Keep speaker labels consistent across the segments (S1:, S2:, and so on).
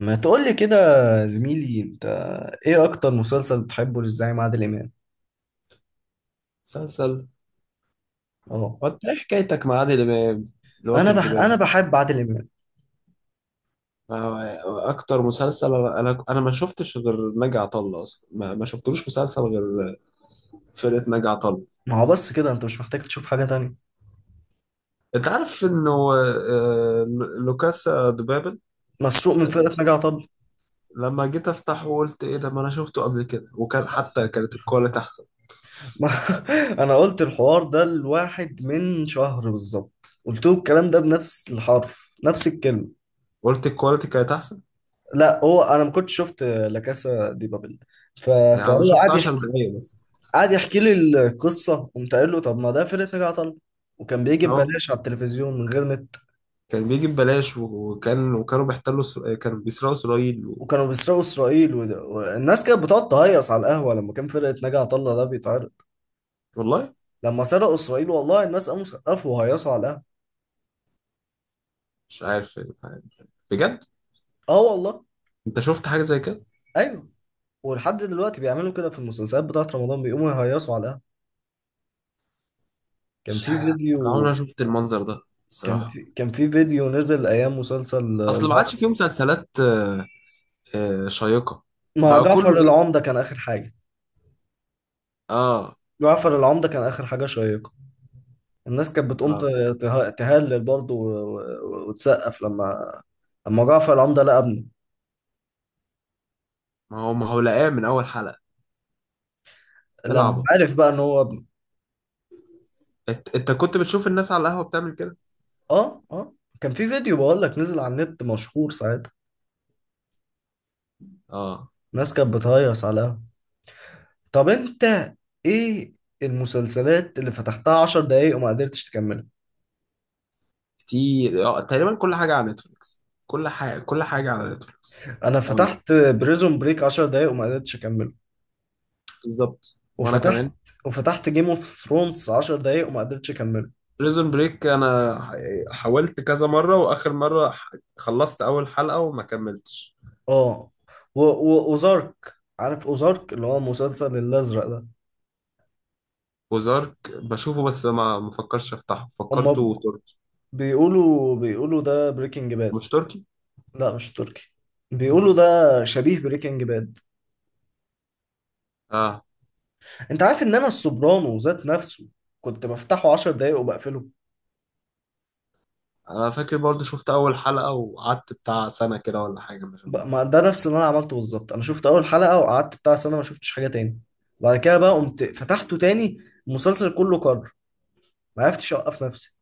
S1: ما تقولي كده يا زميلي انت، ايه اكتر مسلسل بتحبه للزعيم عادل امام؟
S2: مسلسل.
S1: اه.
S2: وانت ايه حكايتك مع عادل امام اللي
S1: انا
S2: واكل
S1: بح... انا
S2: دماغه؟
S1: بحب عادل امام.
S2: اكتر مسلسل انا ما شفتش غير ناجي عطا الله، اصلا ما شفتلوش مسلسل غير فرقه ناجي عطا الله.
S1: ما هو بس كده انت مش محتاج تشوف حاجة تانية.
S2: انت عارف انه لوكاسا دوبابل.
S1: مسروق من
S2: آه،
S1: فرقة ناجي عطا الله.
S2: لما جيت افتحه قلت ايه ده، ما انا شفته قبل كده، وكان حتى كانت الكواليتي احسن.
S1: ما... انا قلت الحوار ده لواحد من شهر بالظبط، قلت له الكلام ده بنفس الحرف نفس الكلمة.
S2: قلت الكواليتي كانت احسن.
S1: لا هو انا ما كنتش شفت لا كاسا دي بابل. ف...
S2: يعني انا
S1: فهو
S2: شفت
S1: قعد
S2: 10
S1: يحكي،
S2: دقايق بس.
S1: قعد يحكي لي القصة، قمت قايل له طب ما ده فرقة ناجي عطا الله، وكان بيجي
S2: اه.
S1: ببلاش على التلفزيون من غير نت،
S2: كان بيجي ببلاش وكانوا بيحتلوا كانوا بيسرقوا اسرائيل
S1: وكانوا بيسرقوا اسرائيل والناس كانت بتقعد تهيص على القهوه لما كان فرقه ناجي عطا الله ده بيتعرض.
S2: والله.
S1: لما سرقوا اسرائيل والله الناس قاموا سقفوا وهيصوا على القهوه.
S2: مش عارف إيه الحاجة دي، بجد.
S1: اه والله.
S2: انت شفت حاجه زي كده؟
S1: ايوه، ولحد دلوقتي بيعملوا كده في المسلسلات بتاعت رمضان، بيقوموا يهيصوا على القهوه. كان
S2: مش
S1: في
S2: عارف. أنا عمري
S1: فيديو.
S2: ما شفت المنظر ده،
S1: كان
S2: الصراحه.
S1: في كان في فيديو نزل ايام مسلسل
S2: اصل ما
S1: جعفر،
S2: عادش فيه مسلسلات شيقه.
S1: مع
S2: بقى كله.
S1: جعفر
S2: ايه.
S1: العمده كان اخر حاجه.
S2: اه.
S1: جعفر العمده كان اخر حاجه شيقه. الناس كانت بتقوم ت-
S2: اه.
S1: ته- تهلل برضه وتسقف لما، لما جعفر العمده لقى ابنه،
S2: ما هو لقاه من اول حلقه.
S1: لما
S2: العبوا.
S1: عرف بقى ان هو.
S2: انت كنت بتشوف الناس على القهوه بتعمل كده؟
S1: اه اه. كان في فيديو بقول لك نزل على النت مشهور ساعتها،
S2: اه.
S1: الناس كانت بتهيص على القهوة. طب انت، ايه المسلسلات اللي فتحتها 10 دقايق وما قدرتش تكملها؟
S2: كتير. اه تقريبا كل حاجه على نتفليكس.
S1: انا
S2: اقول لك،
S1: فتحت بريزون بريك 10 دقايق وما قدرتش اكمله.
S2: بالظبط، وانا
S1: وفتحت
S2: كمان.
S1: وفتحت جيم اوف ثرونز 10 دقايق وما قدرتش اكمله.
S2: بريزون بريك انا حاولت كذا مره، واخر مره خلصت اول حلقه وما كملتش.
S1: اه. و- و- وزارك، عارف اوزارك اللي هو مسلسل الازرق ده؟
S2: وزارك بشوفه بس ما مفكرش افتحه،
S1: هما
S2: فكرته تركي.
S1: بيقولوا، ده بريكنج باد.
S2: مش تركي.
S1: لا مش تركي. بيقولوا ده شبيه بريكنج باد.
S2: اه.
S1: انت عارف ان انا السوبرانو ذات نفسه كنت بفتحه 10 دقايق وبقفله.
S2: انا فاكر برضو شفت اول حلقة وقعدت بتاع سنة كده ولا حاجة، مش...
S1: ما ده نفس اللي انا عملته بالظبط. انا شفت اول حلقة وقعدت بتاع سنة ما شفتش حاجة تاني. بعد كده بقى قمت فتحته تاني، المسلسل كله كرر، ما عرفتش اوقف نفسي.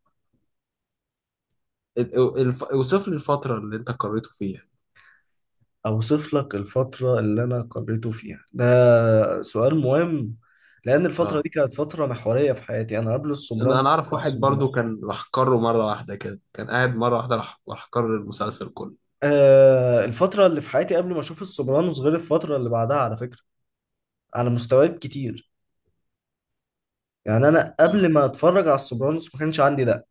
S2: اوصف لي الفترة اللي انت قريته فيها.
S1: اوصف لك الفترة اللي انا قريته فيها؟ ده سؤال مهم، لان الفترة
S2: اه.
S1: دي كانت فترة محورية في حياتي. انا قبل السوبرانو،
S2: انا اعرف
S1: قبل
S2: واحد
S1: السوبرانو.
S2: برضو كان راح قرر مرة واحدة كده، كان قاعد مرة واحدة راح قرر المسلسل كله.
S1: آه، الفترة اللي في حياتي قبل ما اشوف السوبرانوس غير الفترة اللي بعدها، على فكرة، على مستويات كتير. يعني انا قبل
S2: آه.
S1: ما اتفرج على السوبرانوس ما كانش عندي ده.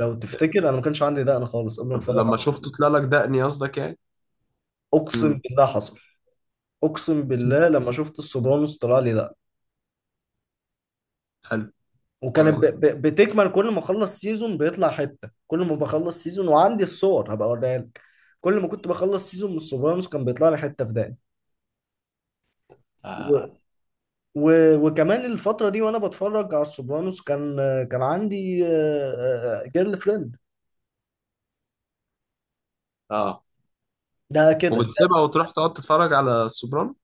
S1: لو تفتكر انا ما كانش عندي ده انا خالص قبل ما
S2: طب
S1: اتفرج على
S2: لما شفته طلع
S1: السوبرانوس.
S2: لك دقني، قصدك يعني.
S1: اقسم
S2: امم
S1: بالله حصل، اقسم بالله لما شفت السوبرانوس طلع لي ده.
S2: حلو.
S1: وكانت
S2: كويس.
S1: بتكمل كل ما اخلص سيزون بيطلع حته، كل ما بخلص سيزون، وعندي الصور هبقى اوريها لك. كل ما كنت بخلص سيزون من السوبرانوس كان بيطلع لي حته في دقن. و...
S2: آه.
S1: و... وكمان الفتره دي وانا بتفرج على السوبرانوس كان، كان عندي جيرل فريند
S2: اه.
S1: ده كده.
S2: وبتسيبها وتروح تقعد تتفرج على السوبرانو؟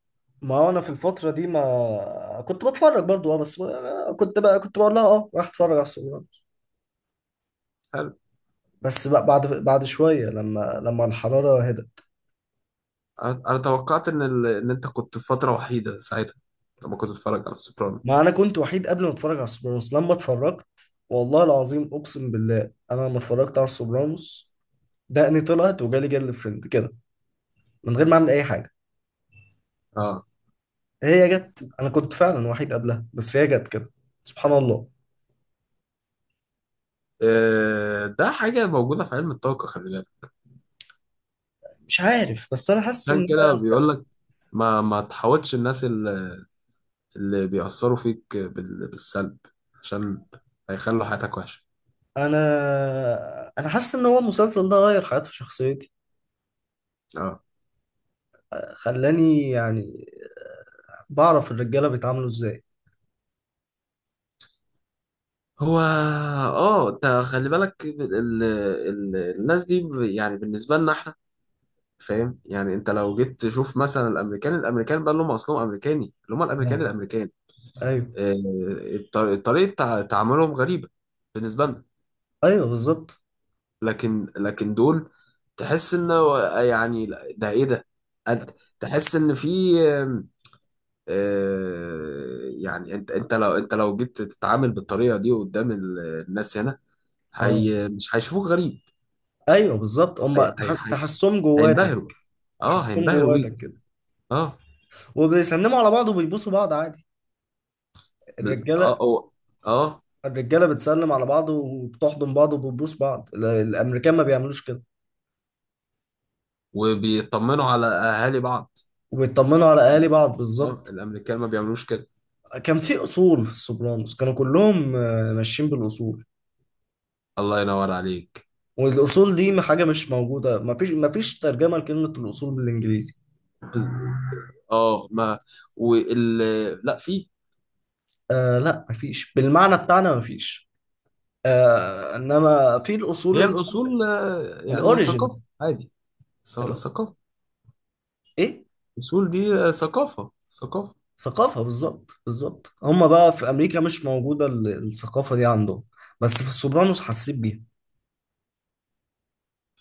S1: ما هو انا في الفتره دي ما كنت بتفرج برضو، اه، بس ما... آه، كنت بقى كنت بقول لها اه راح اتفرج على السوبرانوس،
S2: حلو.
S1: بس بقى بعد شويه لما الحراره هدت.
S2: أنا توقعت ان ان انت كنت في فتره وحيده ساعتها، لما كنت بتتفرج على السوبرانو.
S1: ما انا كنت وحيد قبل ما اتفرج على السوبرانوس، لما اتفرجت والله العظيم اقسم بالله، انا لما اتفرجت على السوبرانوس دقني طلعت وجالي جل فريند كده من غير ما اعمل اي حاجه.
S2: اه.
S1: هي جت، انا كنت فعلا وحيد قبلها بس هي جت كده، سبحان الله.
S2: ده حاجه موجوده في علم الطاقه، خلي بالك.
S1: مش عارف، بس انا حاسس
S2: عشان
S1: ان
S2: كده بيقول لك، ما تحاولش. الناس اللي بيأثروا فيك بالسلب، عشان هيخلوا حياتك وحشه.
S1: انا انا حاسس ان هو المسلسل ده غير حياتي في شخصيتي،
S2: اه.
S1: خلاني يعني بعرف الرجاله بيتعاملوا ازاي.
S2: هو اه انت خلي بالك الناس دي، يعني بالنسبه لنا احنا، فاهم يعني. انت لو جيت تشوف مثلا الامريكان بقى لهم اصلهم امريكاني، اللي هم
S1: اه.
S2: الامريكان.
S1: ايوه.
S2: آه، طريقة تعاملهم غريبة بالنسبة لنا.
S1: ايوه بالظبط.
S2: لكن دول، تحس ان يعني لا، ده ايه ده. انت تحس ان في آم، آه، يعني انت لو جيت تتعامل بالطريقة دي قدام الناس هنا،
S1: اه،
S2: هي مش هيشوفوك غريب.
S1: ايوه بالظبط.
S2: هي
S1: هم
S2: هي هي
S1: تحسهم جواتك،
S2: هينبهروا. اه
S1: تحسهم
S2: هينبهروا بيك.
S1: جواتك كده.
S2: اه.
S1: وبيسلموا على بعض وبيبوسوا بعض عادي،
S2: اه.
S1: الرجاله.
S2: اه. آه،
S1: الرجاله بتسلم على بعض وبتحضن بعض وبتبوس بعض. الامريكان ما بيعملوش كده.
S2: وبيطمنوا على اهالي بعض.
S1: وبيطمنوا على اهالي بعض
S2: اه
S1: بالظبط.
S2: الامريكان ما بيعملوش كده.
S1: كان في اصول في السوبرانوس، كانوا كلهم ماشيين بالاصول،
S2: الله ينور عليك.
S1: والاصول دي حاجه مش موجوده. ما فيش ترجمه لكلمه الاصول بالانجليزي.
S2: اه. ما. وال. لا. في.
S1: آه لا مفيش بالمعنى بتاعنا مفيش. آه انما في الاصول،
S2: هي الاصول، يعني ثقافه
S1: الاوريجينز.
S2: عادي. ثقافه.
S1: ايه؟
S2: الاصول دي ثقافه.
S1: ثقافه بالظبط، بالظبط. هم بقى في امريكا مش موجوده الثقافه دي عندهم، بس في السوبرانوس حسيت بيها.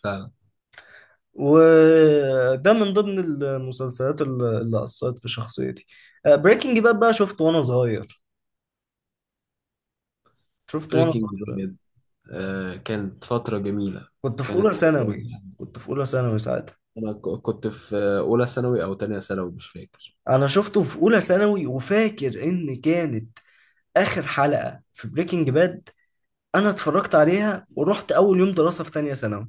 S2: فعلا.
S1: وده من ضمن المسلسلات اللي اثرت في شخصيتي. بريكنج باد بقى شفته وانا صغير، شفته وانا
S2: بريكنج
S1: صغير.
S2: باد، آه كانت فتره جميله.
S1: كنت في اولى
S2: كانت فتره
S1: ثانوي،
S2: يعني.
S1: كنت في اولى ثانوي ساعتها.
S2: انا كنت في اولى ثانوي او تانية ثانوي، مش فاكر.
S1: انا شفته في اولى ثانوي، وفاكر ان كانت اخر حلقة في بريكنج باد انا اتفرجت عليها ورحت اول يوم دراسة في تانية ثانوي.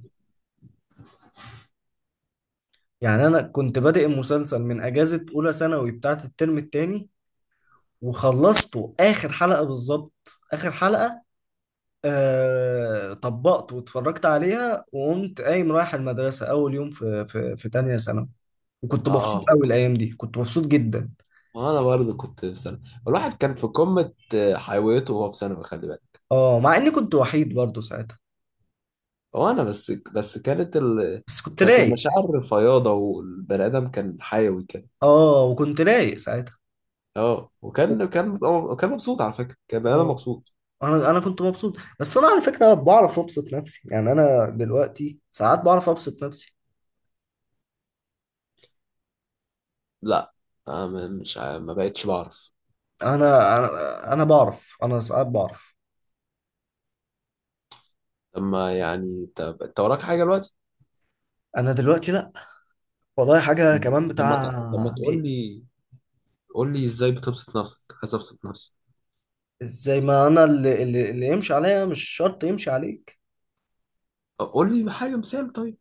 S1: يعني انا كنت بادئ المسلسل من اجازة اولى ثانوي بتاعت الترم التاني، وخلصته اخر حلقة بالظبط. اخر حلقة آه طبقت واتفرجت عليها وقمت قايم رايح المدرسة اول يوم في في تانية ثانوي. وكنت مبسوط
S2: اه.
S1: قوي الايام دي، كنت مبسوط جدا.
S2: وانا برضه كنت في ثانوي. الواحد كان في قمه حيويته وهو في ثانوي، خلي بالك.
S1: اه مع اني كنت وحيد برضو ساعتها،
S2: هو انا بس كانت
S1: بس كنت
S2: كانت
S1: رايق.
S2: المشاعر فياضه، والبني ادم كان حيوي كده.
S1: اه وكنت رايق ساعتها.
S2: اه. وكان كان مبسوط، على فكرة كان بني آدم مبسوط.
S1: انا كنت مبسوط، بس انا على فكره بعرف ابسط نفسي. يعني انا دلوقتي ساعات بعرف ابسط نفسي.
S2: لا. مش ما بقتش بعرف.
S1: انا بعرف، انا ساعات بعرف.
S2: لما يعني طب انت وراك حاجة دلوقتي؟
S1: انا دلوقتي لا. والله حاجه كمان
S2: لما
S1: بتاع
S2: لما تقول
S1: دي.
S2: لي، قول لي ازاي بتبسط نفسك، عايز ابسط نفسي.
S1: زي ما انا، اللي يمشي عليا مش شرط يمشي عليك.
S2: طب قول لي حاجة، مثال. طيب.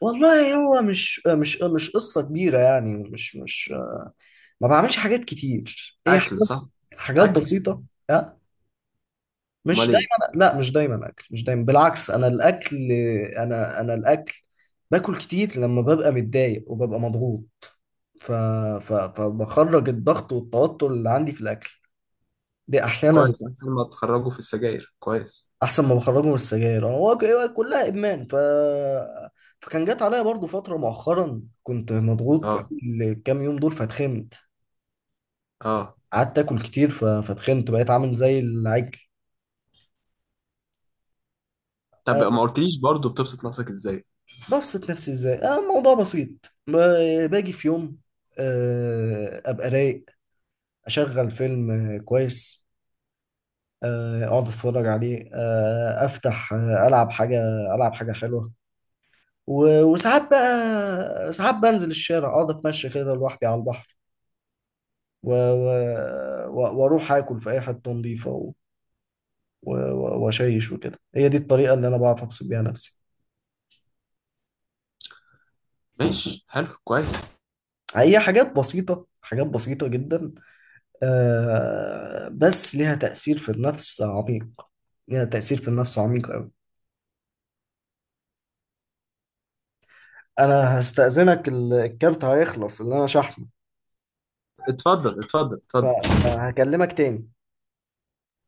S1: والله هو مش مش قصه كبيره، يعني مش مش، ما بعملش حاجات كتير، هي
S2: اكل
S1: حاجات،
S2: صح؟
S1: حاجات
S2: اكل.
S1: بسيطه. مش
S2: امال ايه.
S1: دايما، لا مش دايما اكل، مش دايما، بالعكس انا الاكل. انا الاكل، باكل كتير لما ببقى متضايق وببقى مضغوط، ف... فبخرج الضغط والتوتر اللي عندي في الاكل دي احيانا.
S2: كويس. احسن ما تخرجوا في السجاير، كويس.
S1: احسن ما بخرجه من السجاير، انا هو هو كلها ادمان. فكان جات عليا برضو فتره مؤخرا كنت مضغوط،
S2: اه.
S1: الكام يوم دول فاتخنت،
S2: اه.
S1: قعدت اكل كتير، فاتخنت بقيت عامل زي العجل.
S2: طب
S1: آه،
S2: ما قلتليش برضو، بتبسط نفسك ازاي؟
S1: ببسط نفسي ازاي؟ آه، الموضوع بسيط. باجي في يوم آه ابقى رايق، اشغل فيلم كويس، اقعد اتفرج عليه، افتح العب حاجه، العب حاجه حلوه. وساعات بقى، ساعات بنزل الشارع اقعد اتمشى كده لوحدي على البحر، واروح اكل في اي حته نظيفه واشيش وكده. هي دي الطريقه اللي انا بعرف ابسط بيها نفسي.
S2: ماشي. حلو. كويس.
S1: هي حاجات بسيطه، حاجات بسيطه جدا، آه بس ليها تأثير في النفس عميق. ليها تأثير في النفس عميق أوي. أنا هستأذنك، الكارت هيخلص اللي أنا شحنه،
S2: اتفضل، اتفضل، اتفضل.
S1: فهكلمك تاني.